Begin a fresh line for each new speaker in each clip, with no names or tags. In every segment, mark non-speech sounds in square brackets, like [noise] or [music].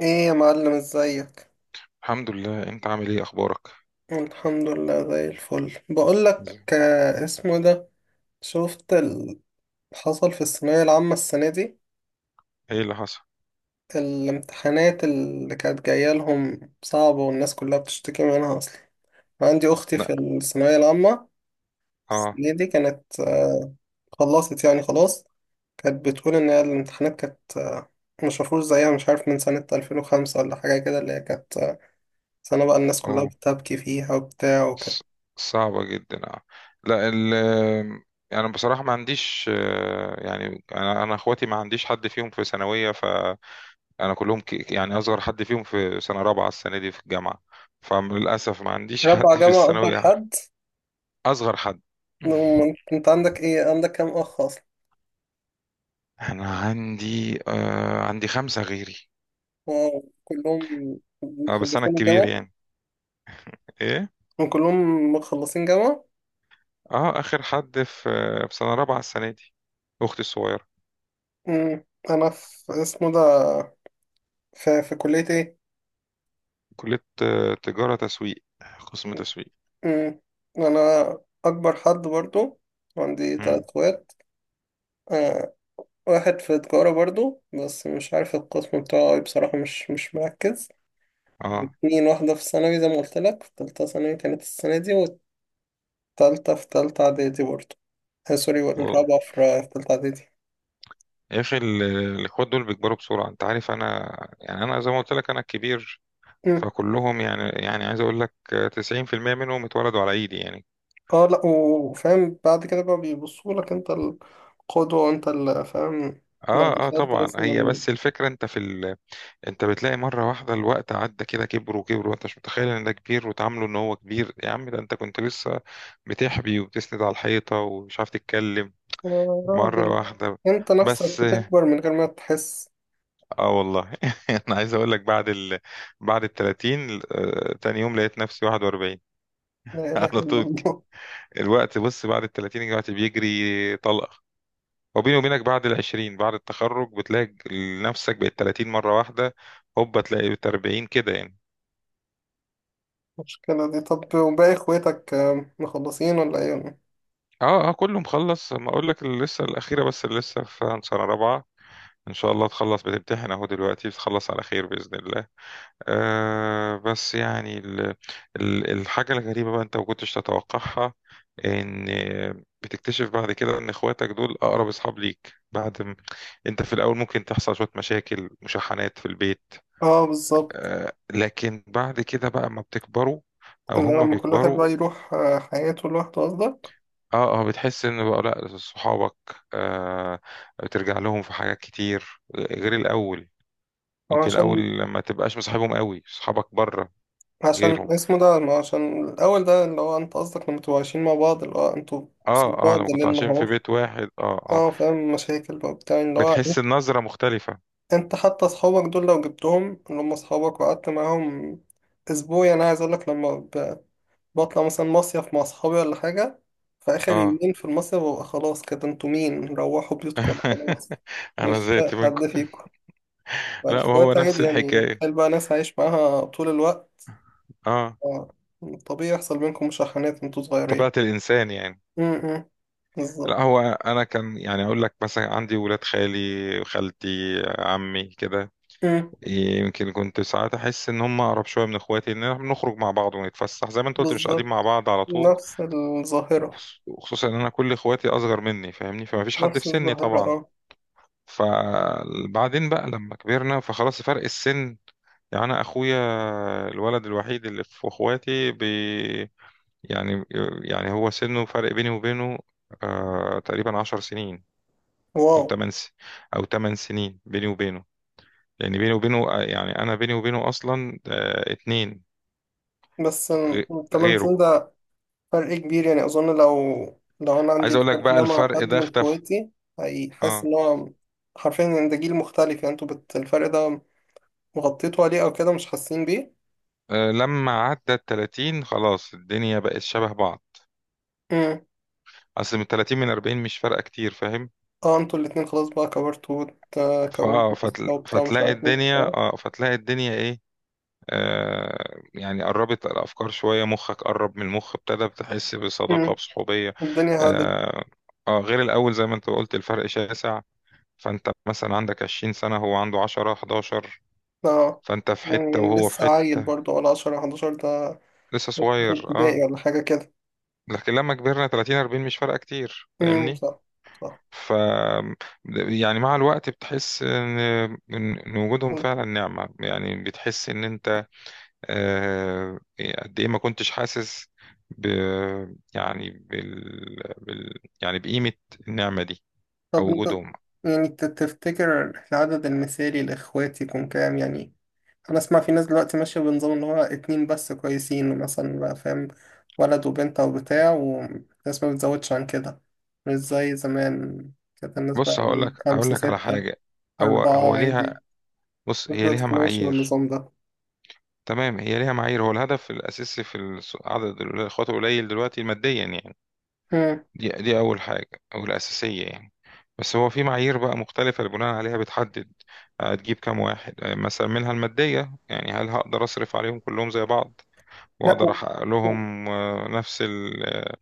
ايه يا معلم ازيك؟
الحمد لله. انت عامل ايه؟ اخبارك؟
الحمد لله زي الفل. بقولك اسمه ده، شفت اللي حصل في الثانوية العامة السنة دي؟
ايه اللي حصل؟
الامتحانات اللي كانت جاية لهم صعبة والناس كلها بتشتكي منها اصلا. عندي اختي
لا.
في الثانوية العامة
اه.
السنة دي، كانت خلصت يعني خلاص. كانت بتقول ان هي الامتحانات كانت مش مفروض زيها، مش عارف من سنة 2005 ولا حاجة كده، اللي هي كانت سنة بقى الناس كلها
اوه.
بتبكي فيها وبتاع، وكانت
ص- صعبة جدا، اه. لا، يعني بصراحة ما عنديش يعني انا اخواتي ما عنديش حد فيهم في ثانوية، فانا كلهم، يعني اصغر حد فيهم في سنة رابعة السنة دي في الجامعة. فللاسف ما عنديش [laughs]
رابعة
حد في
جامعة أكبر
الثانوية أعرف.
حد.
اصغر حد.
نعم،
[laughs]
أنت عندك إيه، عندك كام أخ أصلا؟
انا عندي، آه، عندي خمسة غيري.
واو، كلهم
اه، بس انا
مخلصين
الكبير
الجامعة؟
يعني. ايه.
كلهم مخلصين جامعة؟
اه، اخر حد في في سنه رابعه السنه دي، اختي الصغيره.
أمم، أنا في اسمه ده في كلية إيه؟
كليه، تجاره، تسويق، قسم تسويق.
أمم، أنا أكبر حد برضو، عندي تلات
امم.
أخوات. آه، واحد في تجارة برضو، بس مش عارف القسم بتاعه إيه بصراحة، مش مركز.
اه
اتنين، واحدة في ثانوي زي ما قلت لك، في تالتة ثانوي كانت السنة دي، والتالتة في تالتة إعدادي برضو. سوري،
والله.
الرابعة في تالتة إعدادي.
يا اخي، الاخوات دول بيكبروا بسرعه. انت عارف انا، يعني انا زي ما قلت لك، انا الكبير.
مم.
فكلهم، يعني عايز اقول لك، 90% منهم اتولدوا على ايدي يعني.
اه لأ، وفاهم بعد كده بقى بيبصوا لك أنت القدوة وأنت اللي فاهم. لو
اه اه
دخلت
طبعا. هي
مثلا،
بس الفكره انت في انت بتلاقي مره واحده الوقت عدى كده، كبر وكبر، وانت مش متخيل ان ده كبير، وتعامله ان هو كبير. يا عم ده انت كنت لسه بتحبي وبتسند على الحيطه ومش عارف تتكلم.
يا
مرة
راجل،
واحدة.
أنت نفسك
بس
بتكبر من غير ما تحس.
اه والله. [laughs] انا عايز اقول لك بعد بعد ال 30 تاني يوم لقيت نفسي 41.
لا
[laughs]
إله
على
إلا
طول
الله.
الوقت. بص، بعد ال 30 الوقت بيجري طلقة. وبيني وبينك بعد ال 20 بعد التخرج بتلاقي نفسك بقت 30 مرة واحدة، هوبا تلاقي بقت 40 كده يعني.
[laughs] المشكلة دي، طب وباقي إخواتك مخلصين ولا إيه؟ [laughs] ولا إيه؟
اه اه كله مخلص. ما اقول لك اللي لسه الاخيرة، بس اللي لسه في سنة رابعة. ان شاء الله تخلص، بتمتحن اهو دلوقتي، تخلص على خير بإذن الله. آه بس يعني ال الحاجة الغريبة بقى انت ما كنتش تتوقعها ان بتكتشف بعد كده ان اخواتك دول اقرب اصحاب ليك. انت في الاول ممكن تحصل شوية مشاكل، مشاحنات في البيت،
اه بالظبط.
آه. لكن بعد كده بقى ما بتكبروا او
اللي
هم
لما كل واحد
بيكبروا،
بقى يروح حياته لوحده قصدك.
اه اه، بتحس ان بقى لا صحابك، آه، بترجع لهم في حاجات كتير غير الاول. يمكن
عشان
الاول ما تبقاش مصاحبهم قوي، صحابك بره
عشان
غيرهم.
اسمه ده، ما عشان الأول ده اللي هو أنت قصدك، لما تبقوا عايشين مع بعض، اللي هو أنتوا قصاد
اه اه،
بعض
لما كنتوا
ليل
عايشين في
نهار.
بيت واحد، اه اه،
اه فاهم، مشاكل بقى بتاع اللي هو،
بتحس النظرة مختلفة.
أنت حتى أصحابك دول لو جبتهم، اللي هم أصحابك، وقعدت معاهم أسبوع، يعني أنا عايز أقولك، لما بطلع مثلا مصيف مع أصحابي ولا حاجة، في آخر
اه.
يومين في المصيف ببقى خلاص كده، أنتوا مين، روحوا بيوتكم خلاص،
[laughs]
مش
انا زيت
طايق
منكم.
حد فيكم.
لا وهو
فالإخوات
نفس
عادي، يعني
الحكاية.
تخيل بقى ناس عايش معاها طول الوقت.
اه،
آه، طبيعي يحصل بينكم مشاحنات وانتوا صغيرين.
طبيعة الانسان يعني.
امم، بالظبط.
لا هو انا كان يعني اقول لك مثلا عندي ولاد خالي، خالتي، عمي كده.
امم،
يمكن كنت ساعات احس ان هم اقرب شويه من اخواتي، ان احنا بنخرج مع بعض ونتفسح زي ما انت قلت، مش قاعدين
بالظبط.
مع بعض على طول.
نفس الظاهرة.
وخصوصا ان انا كل اخواتي اصغر مني، فاهمني، فما فيش حد
نفس
في سني
الظاهرة
طبعا.
اه.
فبعدين بقى لما كبرنا، فخلاص فرق السن. يعني انا اخويا الولد الوحيد اللي في اخواتي بي، يعني، يعني هو سنه فرق بيني وبينه، آه تقريبا عشر سنين. او
واو.
تمن س... او تمن سنين بيني وبينه. لان بيني وبينه، يعني انا بيني وبينه اصلا، اتنين
بس
غ-
الثمان
غيره.
سنين ده فرق كبير، يعني أظن لو أنا عندي
عايز اقول لك
الفرق
بقى
ده مع
الفرق
حد
ده
من
اختفى.
إخواتي، هيحس
اه،
إن هو حرفيا إن ده جيل مختلف. يعني انتوا الفرق ده مغطيتوا عليه، أو كده مش حاسين بيه.
آه، لما عدى ال 30 خلاص الدنيا بقت شبه بعض.
امم.
اصل من 30 من 40 مش فارقه كتير، فاهم؟
اه انتوا الاتنين خلاص بقى، كبرتوا وكونتوا أسرة وبتاع مش
فتلاقي
عارف ايه بتاع.
الدنيا، اه، فتلاقي الدنيا ايه، آه، يعني قربت الافكار شويه، مخك قرب من المخ، ابتدى بتحس بصداقه،
امم.
بصحوبيه.
الدنيا هادت.
آه. اه غير الاول زي ما انت قلت، الفرق شاسع. فانت مثلا عندك 20 سنه، هو عنده 10، 11،
اه،
فانت في حته
يعني
وهو في
لسه عيل
حته.
برضه ولا 10 11 ده،
لسه
في
صغير اه.
ابتدائي ولا حاجة كده.
لكن لما كبرنا 30، 40 مش فارقه كتير،
امم،
فاهمني؟
صح. صح.
ف يعني مع الوقت بتحس ان إن وجودهم فعلا نعمه، يعني بتحس ان انت، آه، إيه، قد ايه ما كنتش حاسس ب يعني بال... بال يعني بقيمة النعمة دي او
طب انت
وجودهم.
يعني تفتكر العدد المثالي لإخواتي يكون كام يعني؟ أنا أسمع في ناس دلوقتي ماشية بنظام إن هو اتنين بس كويسين مثلا بقى، فاهم، ولد وبنت أو بتاع، والناس ما بتزودش عن كده، مش زي زمان. كانت الناس بقى
بص، هقول لك
إيه،
هقول
خمسة
لك على
ستة،
حاجة. هو
أربعة
هو ليها،
عادي.
بص هي ليها
دلوقتي ماشي
معايير.
النظام ده.
تمام، هي ليها معايير. هو الهدف الأساسي في عدد الإخوات القليل دلوقتي ماديا يعني.
مم.
دي أول حاجة، أو الأساسية يعني. بس هو في معايير بقى مختلفة اللي بناء عليها بتحدد هتجيب كام واحد، مثلا منها المادية. يعني هل هقدر أصرف عليهم كلهم زي بعض،
لا،
واقدر احقق
و...
لهم نفس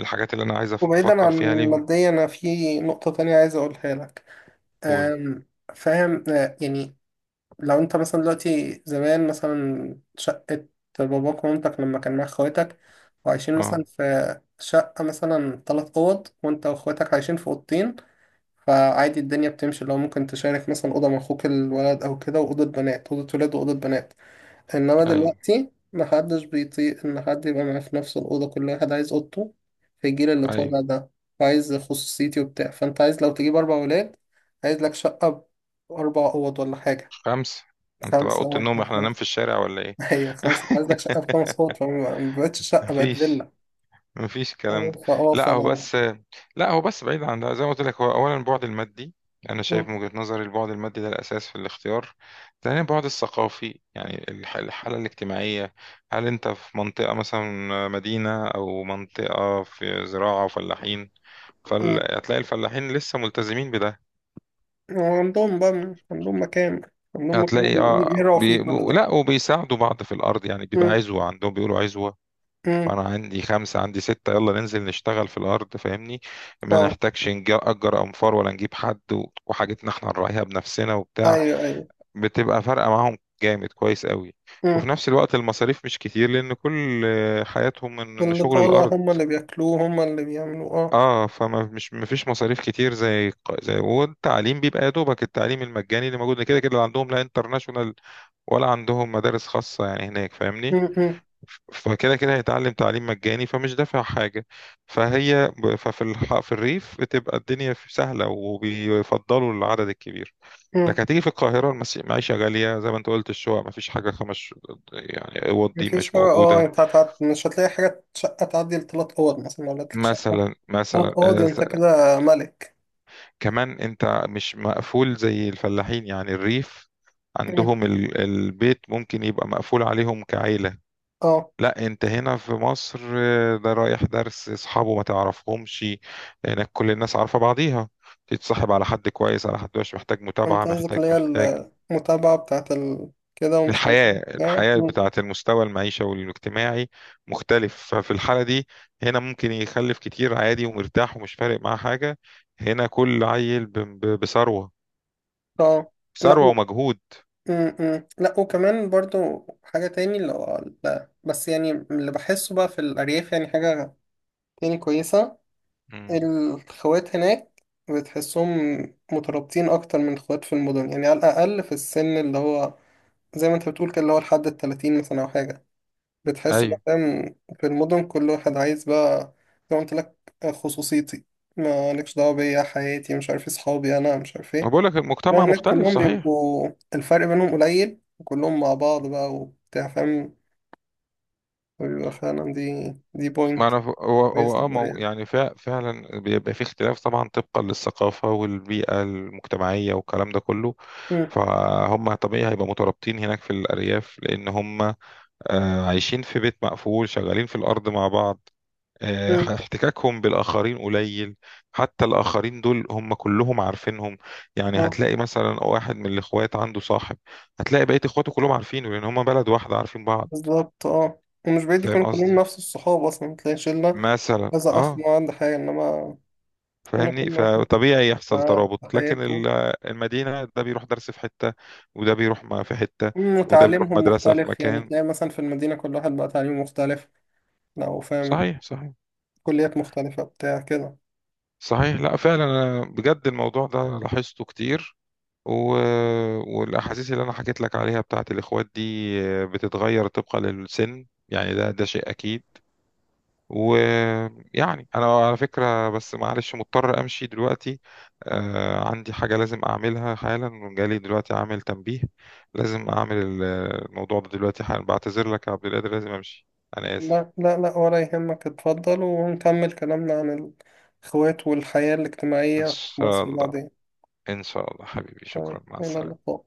الحاجات اللي انا عايز
وبعيدا
بفكر فيها
عن
ليهم.
ماديا أنا في نقطة تانية عايز أقولها لك.
قول.
أم، فاهم يعني، لو انت مثلا دلوقتي، زمان مثلا شقة باباك ومامتك لما كان معاك اخواتك، وعايشين
اه.
مثلا في شقة مثلا تلات أوض، وانت واخواتك عايشين في أوضتين، فعادي الدنيا بتمشي، لو ممكن تشارك مثلا أوضة مع أخوك الولد أو كده، وأوضة بنات، أوضة ولاد وأوضة بنات. انما
اي.
دلوقتي محدش بيطيق ان حد يبقى معاه في نفس الاوضه، كل واحد عايز اوضته، في الجيل اللي
اي.
طالع ده، وعايز خصوصيتي وبتاع. فانت عايز لو تجيب اربع ولاد، عايز لك شقه باربع اوض ولا حاجه.
خمسة؟ انت بقى
خمسه
اوضه
واحد
النوم احنا ننام
خمسه.
في الشارع ولا ايه؟
[laughs] هي خمسه،
[laughs]
عايز لك شقه بخمس اوض، فما بقتش شقه، بقت
مفيش،
فيلا.
مفيش الكلام ده.
فاه ف
لا هو بس، لا هو بس بعيد عن ده، زي ما قلت لك، هو اولا البعد المادي. انا شايف من
مم.
وجهة نظري البعد المادي ده الاساس في الاختيار. ثانيا البعد الثقافي، يعني الحاله الاجتماعيه. هل انت في منطقه مثلا مدينه، او منطقه في زراعه وفلاحين؟
مم.
فهتلاقي الفلاحين لسه ملتزمين بده.
وعندهم بقى عندهم مكان. عندهم مكان
هتلاقي اه
يقروا فيه كل ده.
لا، وبيساعدوا بعض في الارض، يعني بيبقى
مم.
عزوه عندهم، بيقولوا عزوه. فانا
مم.
عندي خمسه، عندي سته، يلا ننزل نشتغل في الارض، فاهمني؟ ما
اه
نحتاجش نأجر انفار ولا نجيب حد. وحاجتنا احنا نراعيها بنفسنا وبتاع.
ايوه ايوه.
بتبقى فارقه معاهم جامد كويس قوي. وفي
مم.
نفس الوقت المصاريف مش كتير، لان كل حياتهم من
اللي
شغل
طالع
الارض.
هم اللي بياكلوه، هم اللي بيعملوه اه.
اه، فما مش مفيش مصاريف كتير. زي زي والتعليم بيبقى يا دوبك التعليم المجاني اللي موجود كده كده، لا عندهم لا انترناشونال ولا عندهم مدارس خاصة يعني هناك،
م-
فاهمني؟
م-
فكده كده هيتعلم تعليم مجاني، فمش دافع حاجة. فهي في الريف بتبقى الدنيا سهلة، وبيفضلوا العدد الكبير.
م.
لكن هتيجي في القاهرة، المعيشة غالية زي ما انت قلت. الشقق مفيش حاجة، خمس يعني اوض دي
مفيش
مش
حاجة. اه
موجودة.
انت مش هتلاقي حاجة، شقة تعدي لتلات أوض مثلا، لو لقيتلك شقة
مثلا
تلات
مثلا
أوض
آه،
انت كده ملك.
كمان انت مش مقفول زي الفلاحين، يعني الريف
م.
عندهم البيت ممكن يبقى مقفول عليهم كعيلة.
اه
لا انت هنا في مصر، آه، ده رايح درس اصحابه ما تعرفهمش. هناك كل الناس عارفة بعضيها. تتصاحب على حد كويس، على حد مش محتاج متابعة،
انت قصدك
محتاج،
اللي هي
محتاج
المتابعة بتاعت كده، ومش عارف
الحياة،
ايه.
الحياة
م.
بتاعة المستوى المعيشة والاجتماعي مختلف. ففي الحالة دي هنا ممكن يخلف كتير عادي ومرتاح ومش فارق معاه حاجة. هنا كل عيل بثروة،
اه لا
ثروة
و-
ومجهود.
م- م. لا، وكمان برضو حاجة تاني، اللي هو لا، بس يعني اللي بحسه بقى في الأرياف، يعني حاجة تاني كويسة،
مم.
الخوات هناك بتحسهم مترابطين أكتر من الخوات في المدن، يعني على الأقل في السن اللي هو زي ما أنت بتقول كده، اللي هو لحد 30 مثلا أو حاجة، بتحس
ايوه.
بقى فاهم. في المدن كل واحد عايز بقى، زي ما قلت لك، خصوصيتي، مالكش دعوة بيا، حياتي مش عارف إيه، صحابي أنا مش عارف
ما
إيه.
بقول لك
إنما
المجتمع
هناك
مختلف،
كلهم
صحيح.
بيبقوا الفرق بينهم قليل، وكلهم مع بعض بقى وبتاع فاهم، وبيبقى فعلا دي
ما
بوينت
انا ف- هو هو
كويس
اه ما هو
للدنيا.
يعني فعلا بيبقى في اختلاف طبعا طبقا للثقافة والبيئة المجتمعية والكلام ده كله.
مم.
فهم طبيعي هيبقى مترابطين هناك في الأرياف، لأن هم عايشين في بيت مقفول، شغالين في الأرض مع بعض، احتكاكهم بالآخرين قليل. حتى الآخرين دول هم كلهم عارفينهم. يعني
مم.
هتلاقي مثلا واحد من الإخوات عنده صاحب، هتلاقي بقية إخواته كلهم عارفينه، لأن هم بلد واحدة عارفين بعض.
بالظبط اه. ومش بعيد
فاهم
يكونوا كلهم
قصدي؟
نفس الصحاب أصلا، تلاقي شلة
مثلا
كذا أخ
اه،
ما عنده حاجة. إنما هنا كل
فاهمني؟
واحد
فطبيعي يحصل
في
ترابط. لكن
حياته.
المدينة، ده بيروح درس في حتة، وده بيروح ما في حتة، وده بيروح
وتعليمهم
مدرسة في
مختلف، يعني
مكان.
تلاقي مثلا في المدينة كل واحد بقى تعليمه مختلف، لو فاهم،
صحيح، صحيح،
كليات مختلفة بتاع كده.
صحيح. لا فعلا أنا بجد الموضوع ده لاحظته كتير. و... والاحاسيس اللي انا حكيت لك عليها بتاعت الاخوات دي، آه، بتتغير طبقا للسن. يعني ده شيء اكيد. ويعني انا على فكره بس معلش مضطر امشي دلوقتي، آه عندي حاجه لازم اعملها حالا، جالي دلوقتي عامل تنبيه لازم اعمل الموضوع ده دلوقتي حالا. بعتذر لك يا عبد القادر لازم امشي، انا اسف.
لا لا لا، ولا يهمك، اتفضل ونكمل كلامنا عن الإخوات والحياة
ان
الاجتماعية في
شاء
مصر
الله.
بعدين.
ان شاء الله حبيبي،
تمام،
شكرا، مع
إلى
السلامه.
اللقاء.